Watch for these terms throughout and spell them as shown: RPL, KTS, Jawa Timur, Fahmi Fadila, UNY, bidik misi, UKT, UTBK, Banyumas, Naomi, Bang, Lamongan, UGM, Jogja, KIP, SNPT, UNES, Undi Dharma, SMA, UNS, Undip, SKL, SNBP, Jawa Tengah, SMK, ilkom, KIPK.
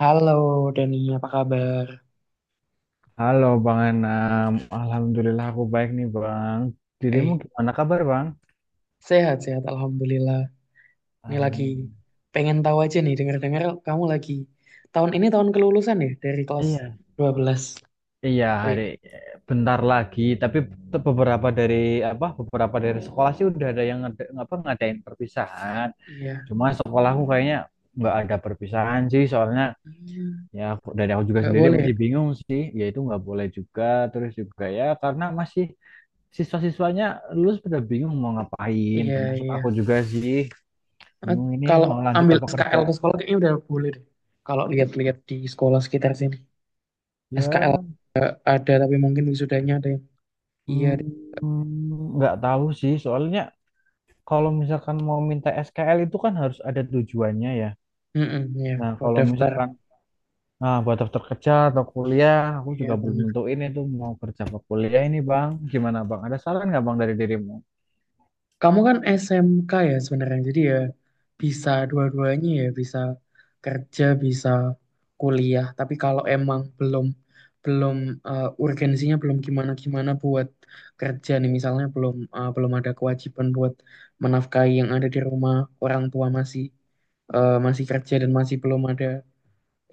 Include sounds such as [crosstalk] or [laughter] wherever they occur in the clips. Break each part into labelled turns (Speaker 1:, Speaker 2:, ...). Speaker 1: Halo Dani, apa kabar?
Speaker 2: Halo Bang Enam, alhamdulillah aku baik nih Bang. Dirimu
Speaker 1: Eh,
Speaker 2: gimana kabar Bang?
Speaker 1: Sehat-sehat, Alhamdulillah. Nih lagi
Speaker 2: Alhamdulillah.
Speaker 1: pengen tahu aja nih, dengar-dengar kamu lagi. Tahun ini tahun kelulusan ya, dari kelas
Speaker 2: Iya,
Speaker 1: 12.
Speaker 2: iya
Speaker 1: Wih,
Speaker 2: hari bentar lagi. Tapi beberapa dari apa? Beberapa dari sekolah sih udah ada yang ngadain perpisahan.
Speaker 1: iya.
Speaker 2: Cuma sekolahku kayaknya nggak ada perpisahan sih. Soalnya
Speaker 1: Hmm.
Speaker 2: ya dari aku juga
Speaker 1: Nggak
Speaker 2: sendiri
Speaker 1: boleh ya?
Speaker 2: masih bingung sih. Ya itu nggak boleh juga. Terus juga ya karena masih siswa-siswanya lulus pada bingung mau ngapain.
Speaker 1: Iya,
Speaker 2: Termasuk
Speaker 1: iya.
Speaker 2: aku juga sih.
Speaker 1: Ah,
Speaker 2: Bingung ini
Speaker 1: kalau
Speaker 2: mau lanjut
Speaker 1: ambil
Speaker 2: apa kerja?
Speaker 1: SKL ke sekolah kayaknya udah boleh deh. Kalau lihat-lihat di sekolah sekitar sini. SKL
Speaker 2: Ya,
Speaker 1: ada, tapi mungkin wisudanya ada yang... iya deh.
Speaker 2: nggak tahu sih. Soalnya kalau misalkan mau minta SKL itu kan harus ada tujuannya ya.
Speaker 1: Mm-mm, iya,
Speaker 2: Nah,
Speaker 1: buat
Speaker 2: kalau
Speaker 1: daftar.
Speaker 2: misalkan buat daftar kerja atau kuliah, aku
Speaker 1: Iya,
Speaker 2: juga belum
Speaker 1: benar.
Speaker 2: nentuin itu mau kerja apa kuliah ini, Bang. Gimana, Bang? Ada saran nggak, Bang, dari dirimu?
Speaker 1: Kamu kan SMK ya sebenarnya, jadi ya bisa dua-duanya ya, bisa kerja, bisa kuliah. Tapi kalau emang belum belum eh, urgensinya belum gimana-gimana buat kerja nih, misalnya belum ada kewajiban buat menafkahi yang ada di rumah, orang tua masih kerja dan masih belum ada,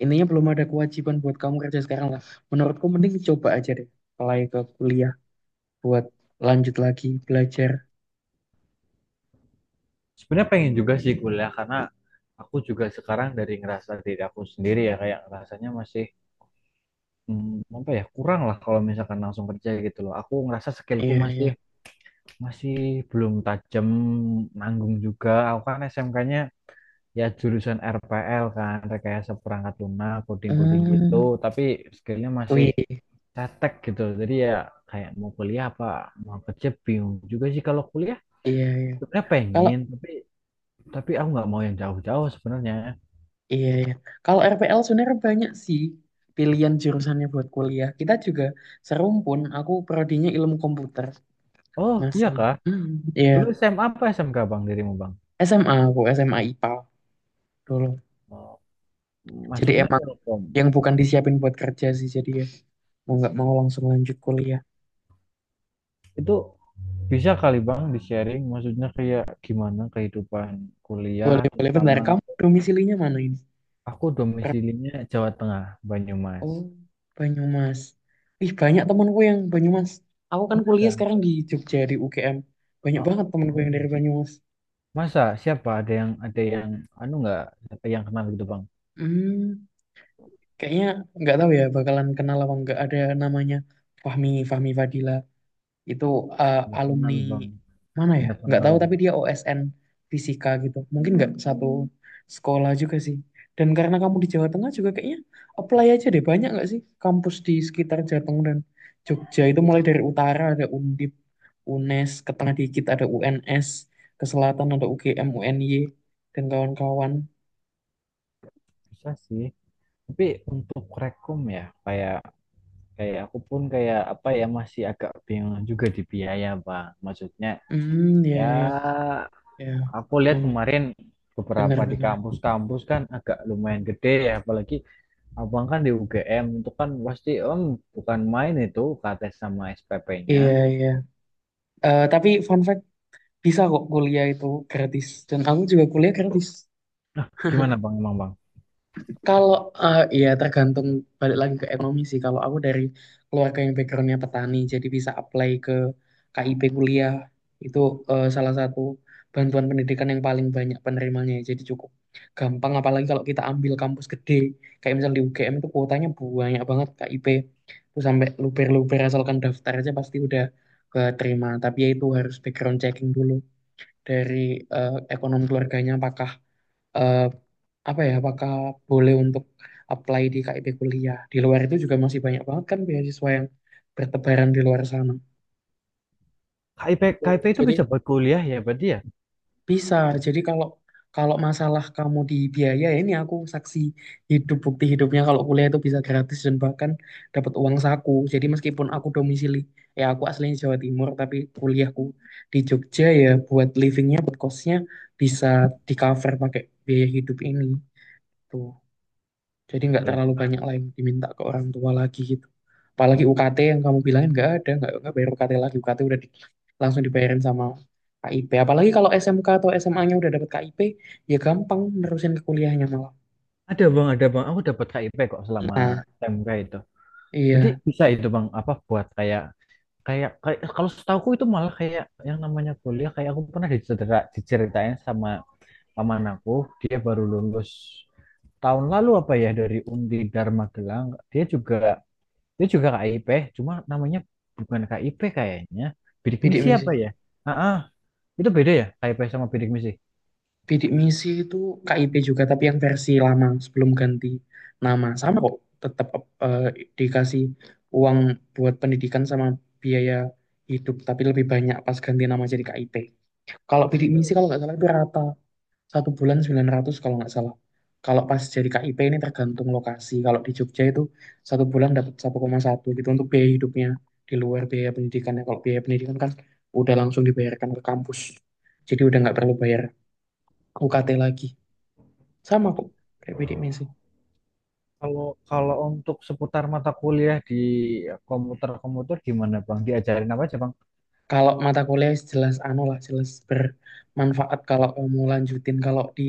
Speaker 1: intinya belum ada kewajiban buat kamu kerja sekarang lah. Menurutku mending coba aja deh, apply ke kuliah buat lanjut lagi belajar.
Speaker 2: Sebenarnya pengen juga sih kuliah karena aku juga sekarang dari ngerasa diri aku sendiri ya kayak rasanya masih apa ya kurang lah kalau misalkan langsung kerja gitu loh. Aku ngerasa skillku
Speaker 1: Iya, iya.
Speaker 2: masih masih belum tajam, nanggung juga. Aku kan SMK-nya ya jurusan RPL, kan rekayasa perangkat lunak, coding-coding gitu,
Speaker 1: Hmm,
Speaker 2: tapi skillnya
Speaker 1: oh
Speaker 2: masih
Speaker 1: iya, iya,
Speaker 2: cetek gitu. Jadi ya kayak mau kuliah apa mau kerja bingung juga sih. Kalau kuliah
Speaker 1: iya. Iya.
Speaker 2: sebenarnya
Speaker 1: Kalau
Speaker 2: pengen, tapi aku nggak mau yang jauh-jauh sebenarnya.
Speaker 1: iya, iya. Kalau RPL sebenarnya banyak sih pilihan jurusannya buat kuliah. Kita juga serumpun. Aku prodinya ilmu komputer
Speaker 2: Oh iya
Speaker 1: masih.
Speaker 2: Kak,
Speaker 1: Hmm, iya.
Speaker 2: dulu SMA apa SMK Bang dirimu Bang?
Speaker 1: SMA aku SMA IPA dulu.
Speaker 2: Oh,
Speaker 1: Jadi
Speaker 2: masuknya
Speaker 1: emang
Speaker 2: ilkom
Speaker 1: yang bukan disiapin buat kerja sih. Jadi ya mau nggak mau langsung lanjut kuliah.
Speaker 2: itu. Bisa kali Bang di-sharing, maksudnya kayak gimana kehidupan kuliah
Speaker 1: Boleh, boleh. Bentar,
Speaker 2: terutama
Speaker 1: kamu
Speaker 2: itu.
Speaker 1: domisilinya mana ini?
Speaker 2: Aku domisilinya Jawa Tengah, Banyumas.
Speaker 1: Oh, Banyumas. Ih, banyak temanku yang Banyumas. Aku kan kuliah
Speaker 2: Masa?
Speaker 1: sekarang di Jogja, di UGM. Banyak
Speaker 2: Oh,
Speaker 1: banget temanku yang dari
Speaker 2: hmm.
Speaker 1: Banyumas.
Speaker 2: Masa siapa, ada yang anu, nggak ada yang kenal gitu Bang?
Speaker 1: Hmm, Kayaknya nggak tahu ya bakalan kenal apa nggak, ada namanya Fahmi, Fahmi Fadila. Itu
Speaker 2: Nggak
Speaker 1: alumni
Speaker 2: kenal Bang,
Speaker 1: mana ya?
Speaker 2: nggak
Speaker 1: Nggak
Speaker 2: kenal
Speaker 1: tahu, tapi
Speaker 2: Bang.
Speaker 1: dia OSN fisika gitu. Mungkin nggak satu sekolah juga sih. Dan karena kamu di Jawa Tengah juga kayaknya apply aja deh. Banyak nggak sih kampus di sekitar Jateng dan Jogja itu, mulai dari utara ada Undip, UNES, ke tengah dikit ada UNS, ke selatan ada UGM, UNY, dan kawan-kawan.
Speaker 2: Bisa sih. Tapi untuk rekom ya, kayak kayak aku pun kayak apa ya, masih agak bingung juga di biaya Bang. Maksudnya
Speaker 1: Hmm, ya,
Speaker 2: ya,
Speaker 1: ya, ya.
Speaker 2: aku lihat
Speaker 1: Hmm,
Speaker 2: kemarin beberapa di
Speaker 1: Bener-bener.
Speaker 2: kampus-kampus kan agak lumayan gede ya, apalagi abang kan di UGM. Itu kan pasti om, bukan main itu KTS sama SPP-nya.
Speaker 1: Iya, iya. Tapi fun fact, bisa kok kuliah itu gratis dan aku juga kuliah gratis.
Speaker 2: Gimana
Speaker 1: [laughs]
Speaker 2: Bang, emang Bang?
Speaker 1: Kalau ya, tergantung, balik lagi ke ekonomi sih. Kalau aku dari keluarga yang backgroundnya petani, jadi bisa apply ke KIP kuliah. Itu salah satu bantuan pendidikan yang paling banyak penerimanya. Jadi cukup gampang. Apalagi kalau kita ambil kampus gede, kayak misalnya di UGM itu kuotanya banyak banget KIP. Itu sampai luber-luber, asalkan daftar aja pasti udah keterima. Tapi ya itu harus background checking dulu dari ekonomi keluarganya, apakah eh, apakah boleh untuk apply di KIP kuliah. Di luar itu juga masih banyak banget kan beasiswa yang bertebaran di luar sana.
Speaker 2: KIP,
Speaker 1: Oh,
Speaker 2: KIP itu bisa
Speaker 1: jadi
Speaker 2: buat kuliah ya, berarti ya?
Speaker 1: bisa. Jadi kalau kalau masalah kamu di biaya, ya ini aku saksi hidup, bukti hidupnya kalau kuliah itu bisa gratis dan bahkan dapat uang saku. Jadi meskipun aku domisili, ya aku aslinya Jawa Timur tapi kuliahku di Jogja, ya buat livingnya, buat kosnya bisa di cover pakai biaya hidup ini tuh. Jadi nggak
Speaker 2: Boleh
Speaker 1: terlalu
Speaker 2: Bang.
Speaker 1: banyak lain diminta ke orang tua lagi gitu. Apalagi UKT yang kamu bilangin nggak ada, nggak bayar UKT lagi. UKT udah langsung dibayarin sama KIP. Apalagi kalau SMK atau SMA-nya udah dapet KIP, ya gampang nerusin ke kuliahnya malah.
Speaker 2: Ada Bang, ada Bang. Aku dapat KIP kok selama
Speaker 1: Nah,
Speaker 2: SMK itu. Berarti
Speaker 1: iya,
Speaker 2: bisa itu Bang, apa buat kayak kayak kayak kalau setahuku itu, malah kayak yang namanya kuliah, kayak aku pernah dicerita, diceritain sama paman aku, dia baru lulus tahun lalu apa ya dari Undi Dharma. Dia juga KIP, cuma namanya bukan KIP kayaknya, bidik
Speaker 1: bidik
Speaker 2: misi apa
Speaker 1: misi.
Speaker 2: ya. Ah ah. Itu beda ya KIP sama bidik misi?
Speaker 1: Bidik misi itu KIP juga, tapi yang versi lama sebelum ganti nama. Sama kok, tetap eh, dikasih uang buat pendidikan sama biaya hidup, tapi lebih banyak pas ganti nama jadi KIP. Kalau bidik misi, kalau nggak salah itu rata satu bulan 900 kalau nggak salah. Kalau pas jadi KIP ini tergantung lokasi. Kalau di Jogja itu satu bulan dapat 1,1 gitu untuk biaya hidupnya, di luar biaya pendidikannya. Kalau biaya pendidikan kan udah langsung dibayarkan ke kampus. Jadi udah nggak perlu bayar UKT lagi. Sama
Speaker 2: Itu,
Speaker 1: kok kayak bidik misi.
Speaker 2: kalau kalau untuk seputar mata kuliah di komputer komputer gimana Bang, diajarin apa aja Bang?
Speaker 1: Kalau mata kuliah jelas anu lah, jelas bermanfaat kalau kamu lanjutin.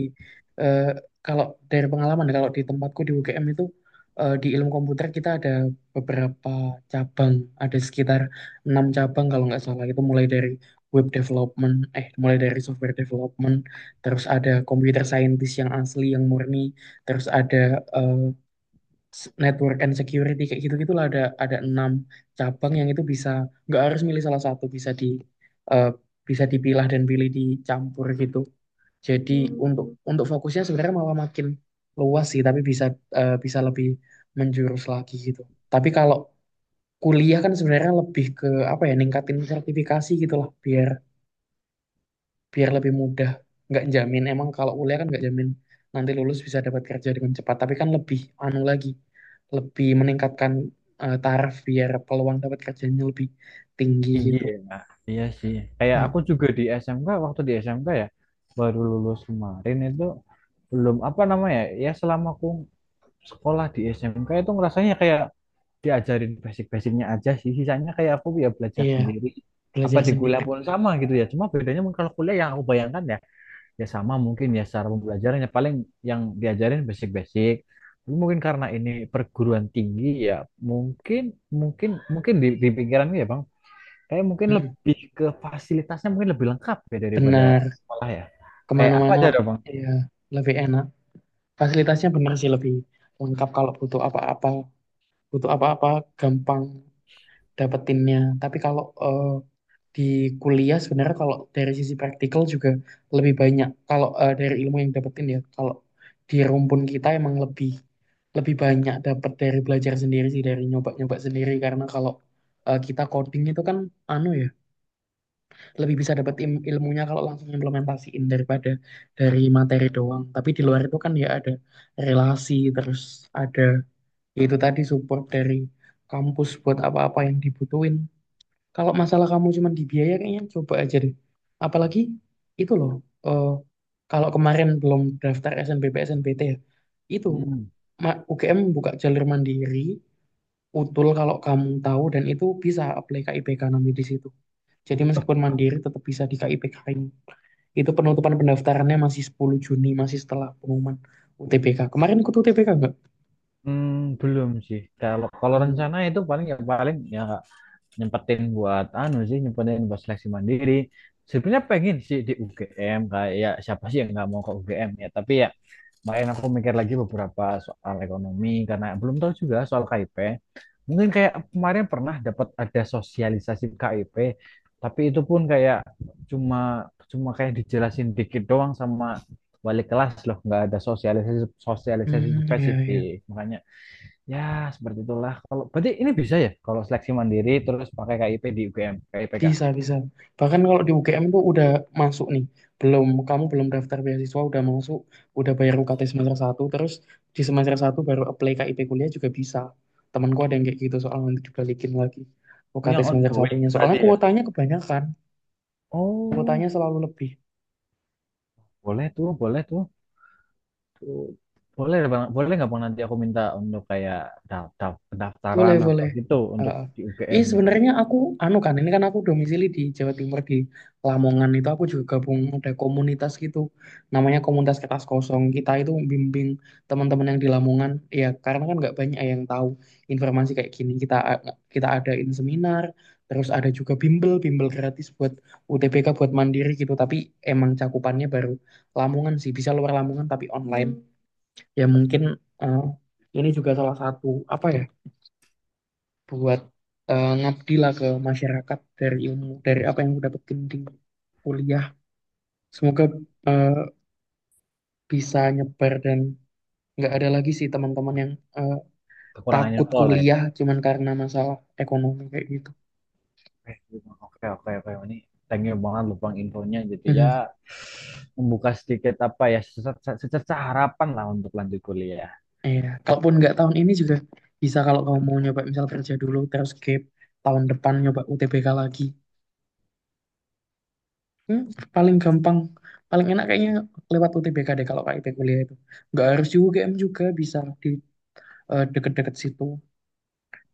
Speaker 1: eh, kalau dari pengalaman ya, kalau di tempatku di UGM itu, di ilmu komputer kita ada beberapa cabang, ada sekitar enam cabang kalau nggak salah. Itu mulai dari web development, mulai dari software development, terus ada computer scientist yang asli yang murni, terus ada eh, network and security, kayak gitu gitulah. Ada enam cabang yang itu bisa, nggak harus milih salah satu, bisa di eh, bisa dipilah dan pilih, dicampur gitu. Jadi untuk fokusnya sebenarnya malah makin luas sih, tapi bisa bisa lebih menjurus lagi gitu. Tapi kalau kuliah kan sebenarnya lebih ke, apa ya, ningkatin sertifikasi gitulah, biar biar lebih mudah. Nggak jamin emang, kalau kuliah kan nggak jamin nanti lulus bisa dapat kerja dengan cepat, tapi kan lebih anu lagi, lebih meningkatkan taraf, biar peluang dapat kerjanya lebih tinggi
Speaker 2: Tinggi
Speaker 1: gitu.
Speaker 2: ya. Nah, iya sih, kayak aku
Speaker 1: Mm,
Speaker 2: juga di SMK, waktu di SMK ya baru lulus kemarin itu, belum apa namanya ya. Selama aku sekolah di SMK itu ngerasanya kayak diajarin basic-basicnya aja sih, sisanya kayak aku ya belajar
Speaker 1: iya,
Speaker 2: sendiri. Apa
Speaker 1: belajar
Speaker 2: di
Speaker 1: sendiri.
Speaker 2: kuliah pun sama gitu ya? Cuma bedanya mungkin kalau kuliah yang aku bayangkan ya, ya sama mungkin ya, secara pembelajarannya paling yang diajarin basic-basic. Tapi mungkin karena ini perguruan tinggi ya, mungkin mungkin mungkin di pikiranku ya Bang, kayak mungkin
Speaker 1: Mm,
Speaker 2: lebih ke fasilitasnya, mungkin lebih lengkap ya daripada
Speaker 1: benar,
Speaker 2: sekolah ya, kayak apa
Speaker 1: kemana-mana
Speaker 2: aja dong Bang.
Speaker 1: ya lebih enak, fasilitasnya benar sih lebih lengkap kalau Butuh apa-apa gampang dapetinnya. Tapi kalau di kuliah sebenarnya kalau dari sisi praktikal juga lebih banyak. Kalau dari ilmu yang dapetin ya, kalau di rumpun kita emang lebih lebih banyak dapat dari belajar sendiri sih, dari nyoba-nyoba sendiri. Karena kalau kita coding itu kan, anu ya, lebih bisa dapat ilmunya kalau langsung implementasiin daripada dari materi doang. Tapi di luar itu kan ya ada relasi, terus ada, ya itu tadi, support dari kampus buat apa-apa yang dibutuhin. Kalau masalah kamu cuma di biaya, kayaknya coba aja deh. Apalagi itu loh, eh, kalau kemarin belum daftar SNBP, SNPT ya, itu,
Speaker 2: Mm.
Speaker 1: UGM buka jalur mandiri, utul, kalau kamu tahu. Dan itu bisa apply KIPK nanti di situ. Jadi meskipun mandiri tetap bisa di KIPK ini. Itu penutupan pendaftarannya masih 10 Juni, masih setelah pengumuman UTBK. Kemarin ikut UTBK nggak?
Speaker 2: Hmm, belum sih. Kalau kalau
Speaker 1: Hmm,
Speaker 2: rencana itu paling ya nyempetin buat anu sih, nyempetin buat seleksi mandiri. Sebenarnya pengen sih di UGM, kayak ya siapa sih yang nggak mau ke UGM ya. Tapi ya kemarin aku mikir lagi beberapa soal ekonomi karena belum tahu juga soal KIP. Mungkin kayak kemarin pernah dapat ada sosialisasi KIP, tapi itu pun kayak cuma cuma kayak dijelasin dikit doang sama wali kelas loh, nggak ada sosialisasi sosialisasi
Speaker 1: hmm, ya, ya.
Speaker 2: spesifik. Makanya ya, seperti itulah. Kalau berarti ini bisa ya kalau seleksi mandiri terus pakai KIP di UGM, KIPK.
Speaker 1: Bisa, bisa. Bahkan kalau di UGM tuh udah masuk nih. Belum, kamu belum daftar beasiswa, udah masuk, udah bayar UKT semester satu, terus di semester satu baru apply KIP kuliah juga bisa. Temanku ada yang kayak gitu, soal nanti dibalikin lagi
Speaker 2: Oh,
Speaker 1: UKT
Speaker 2: yang
Speaker 1: semester
Speaker 2: ongoing
Speaker 1: satunya. Soalnya
Speaker 2: berarti ya.
Speaker 1: kuotanya kebanyakan,
Speaker 2: Oh,
Speaker 1: kuotanya selalu lebih.
Speaker 2: boleh tuh, boleh tuh. Tuh. Boleh Bang, boleh nggak Bang nanti aku minta untuk kayak daftar
Speaker 1: Boleh,
Speaker 2: pendaftaran atau
Speaker 1: boleh.
Speaker 2: gitu untuk
Speaker 1: Heeh.
Speaker 2: di UGM
Speaker 1: Ih,
Speaker 2: gitu.
Speaker 1: sebenarnya aku, anu kan, ini kan aku domisili di Jawa Timur, di Lamongan itu aku juga gabung ada komunitas gitu, namanya komunitas kertas kosong. Kita itu bimbing teman-teman yang di Lamongan, ya karena kan nggak banyak yang tahu informasi kayak gini. Kita adain seminar, terus ada juga bimbel, bimbel gratis buat UTBK, buat mandiri gitu. Tapi emang cakupannya baru Lamongan sih, bisa luar Lamongan tapi online. Ya mungkin eh, ini juga salah satu, apa ya, buat ngabdi lah ke masyarakat, dari ilmu dari apa yang aku dapetin di kuliah. Semoga eh, bisa nyebar dan nggak ada lagi sih teman-teman yang eh,
Speaker 2: Kekurangannya
Speaker 1: takut
Speaker 2: info lah ya.
Speaker 1: kuliah cuman karena masalah ekonomi kayak gitu.
Speaker 2: eh Oke, oke, oke. Ini thank you banget loh Bang infonya, jadi ya
Speaker 1: Mhm.
Speaker 2: membuka sedikit apa ya, secerca, secerca harapan lah untuk lanjut kuliah.
Speaker 1: Iya, kalaupun nggak tahun ini juga bisa, kalau kamu mau nyoba misal kerja dulu, terus gap, tahun depan nyoba UTBK lagi. Hmm, Paling gampang, paling enak kayaknya lewat UTBK deh. Kalau KIP kuliah itu nggak harus UGM, juga bisa di deket-deket situ,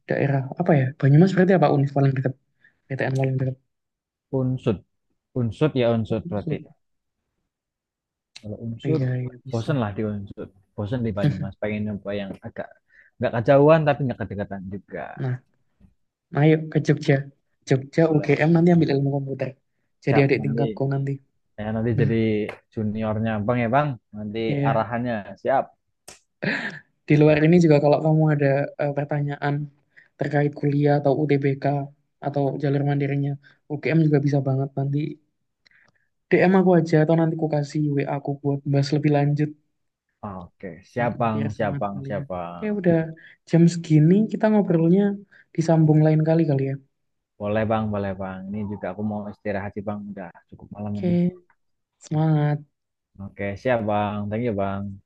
Speaker 1: daerah, apa ya, Banyumas, berarti apa, Unif paling dekat, PTN paling dekat.
Speaker 2: Unsut, unsut ya,
Speaker 1: Oh,
Speaker 2: unsut berarti.
Speaker 1: maksud-
Speaker 2: Kalau Unsur,
Speaker 1: iya, iya, bisa.
Speaker 2: bosen lah di Unsur. Bosen di Banyumas.
Speaker 1: [laughs]
Speaker 2: Pengen nyoba yang agak nggak kejauhan tapi nggak kedekatan juga.
Speaker 1: Nah, ayo ke Jogja. Jogja
Speaker 2: Boleh.
Speaker 1: UGM nanti ambil ilmu komputer, jadi
Speaker 2: Siap
Speaker 1: adik
Speaker 2: nanti.
Speaker 1: tingkatku nanti.
Speaker 2: Saya nanti
Speaker 1: Hmm.
Speaker 2: jadi juniornya Bang ya Bang. Nanti
Speaker 1: Iya,
Speaker 2: arahannya siap.
Speaker 1: di luar
Speaker 2: Kita-
Speaker 1: ini juga kalau kamu ada pertanyaan terkait kuliah atau UTBK atau jalur mandirinya UGM, juga bisa banget nanti DM aku aja, atau nanti aku kasih WA aku buat bahas lebih lanjut.
Speaker 2: Oke, siap Bang,
Speaker 1: Biar
Speaker 2: siap
Speaker 1: semangat
Speaker 2: Bang, siap
Speaker 1: kuliah. Oke,
Speaker 2: Bang.
Speaker 1: udah jam segini kita ngobrolnya, disambung lain kali kali ya.
Speaker 2: Boleh Bang, boleh Bang. Ini juga aku mau istirahat sih Bang. Udah cukup malam ini.
Speaker 1: Oke, semangat.
Speaker 2: Oke, siap Bang. Thank you Bang.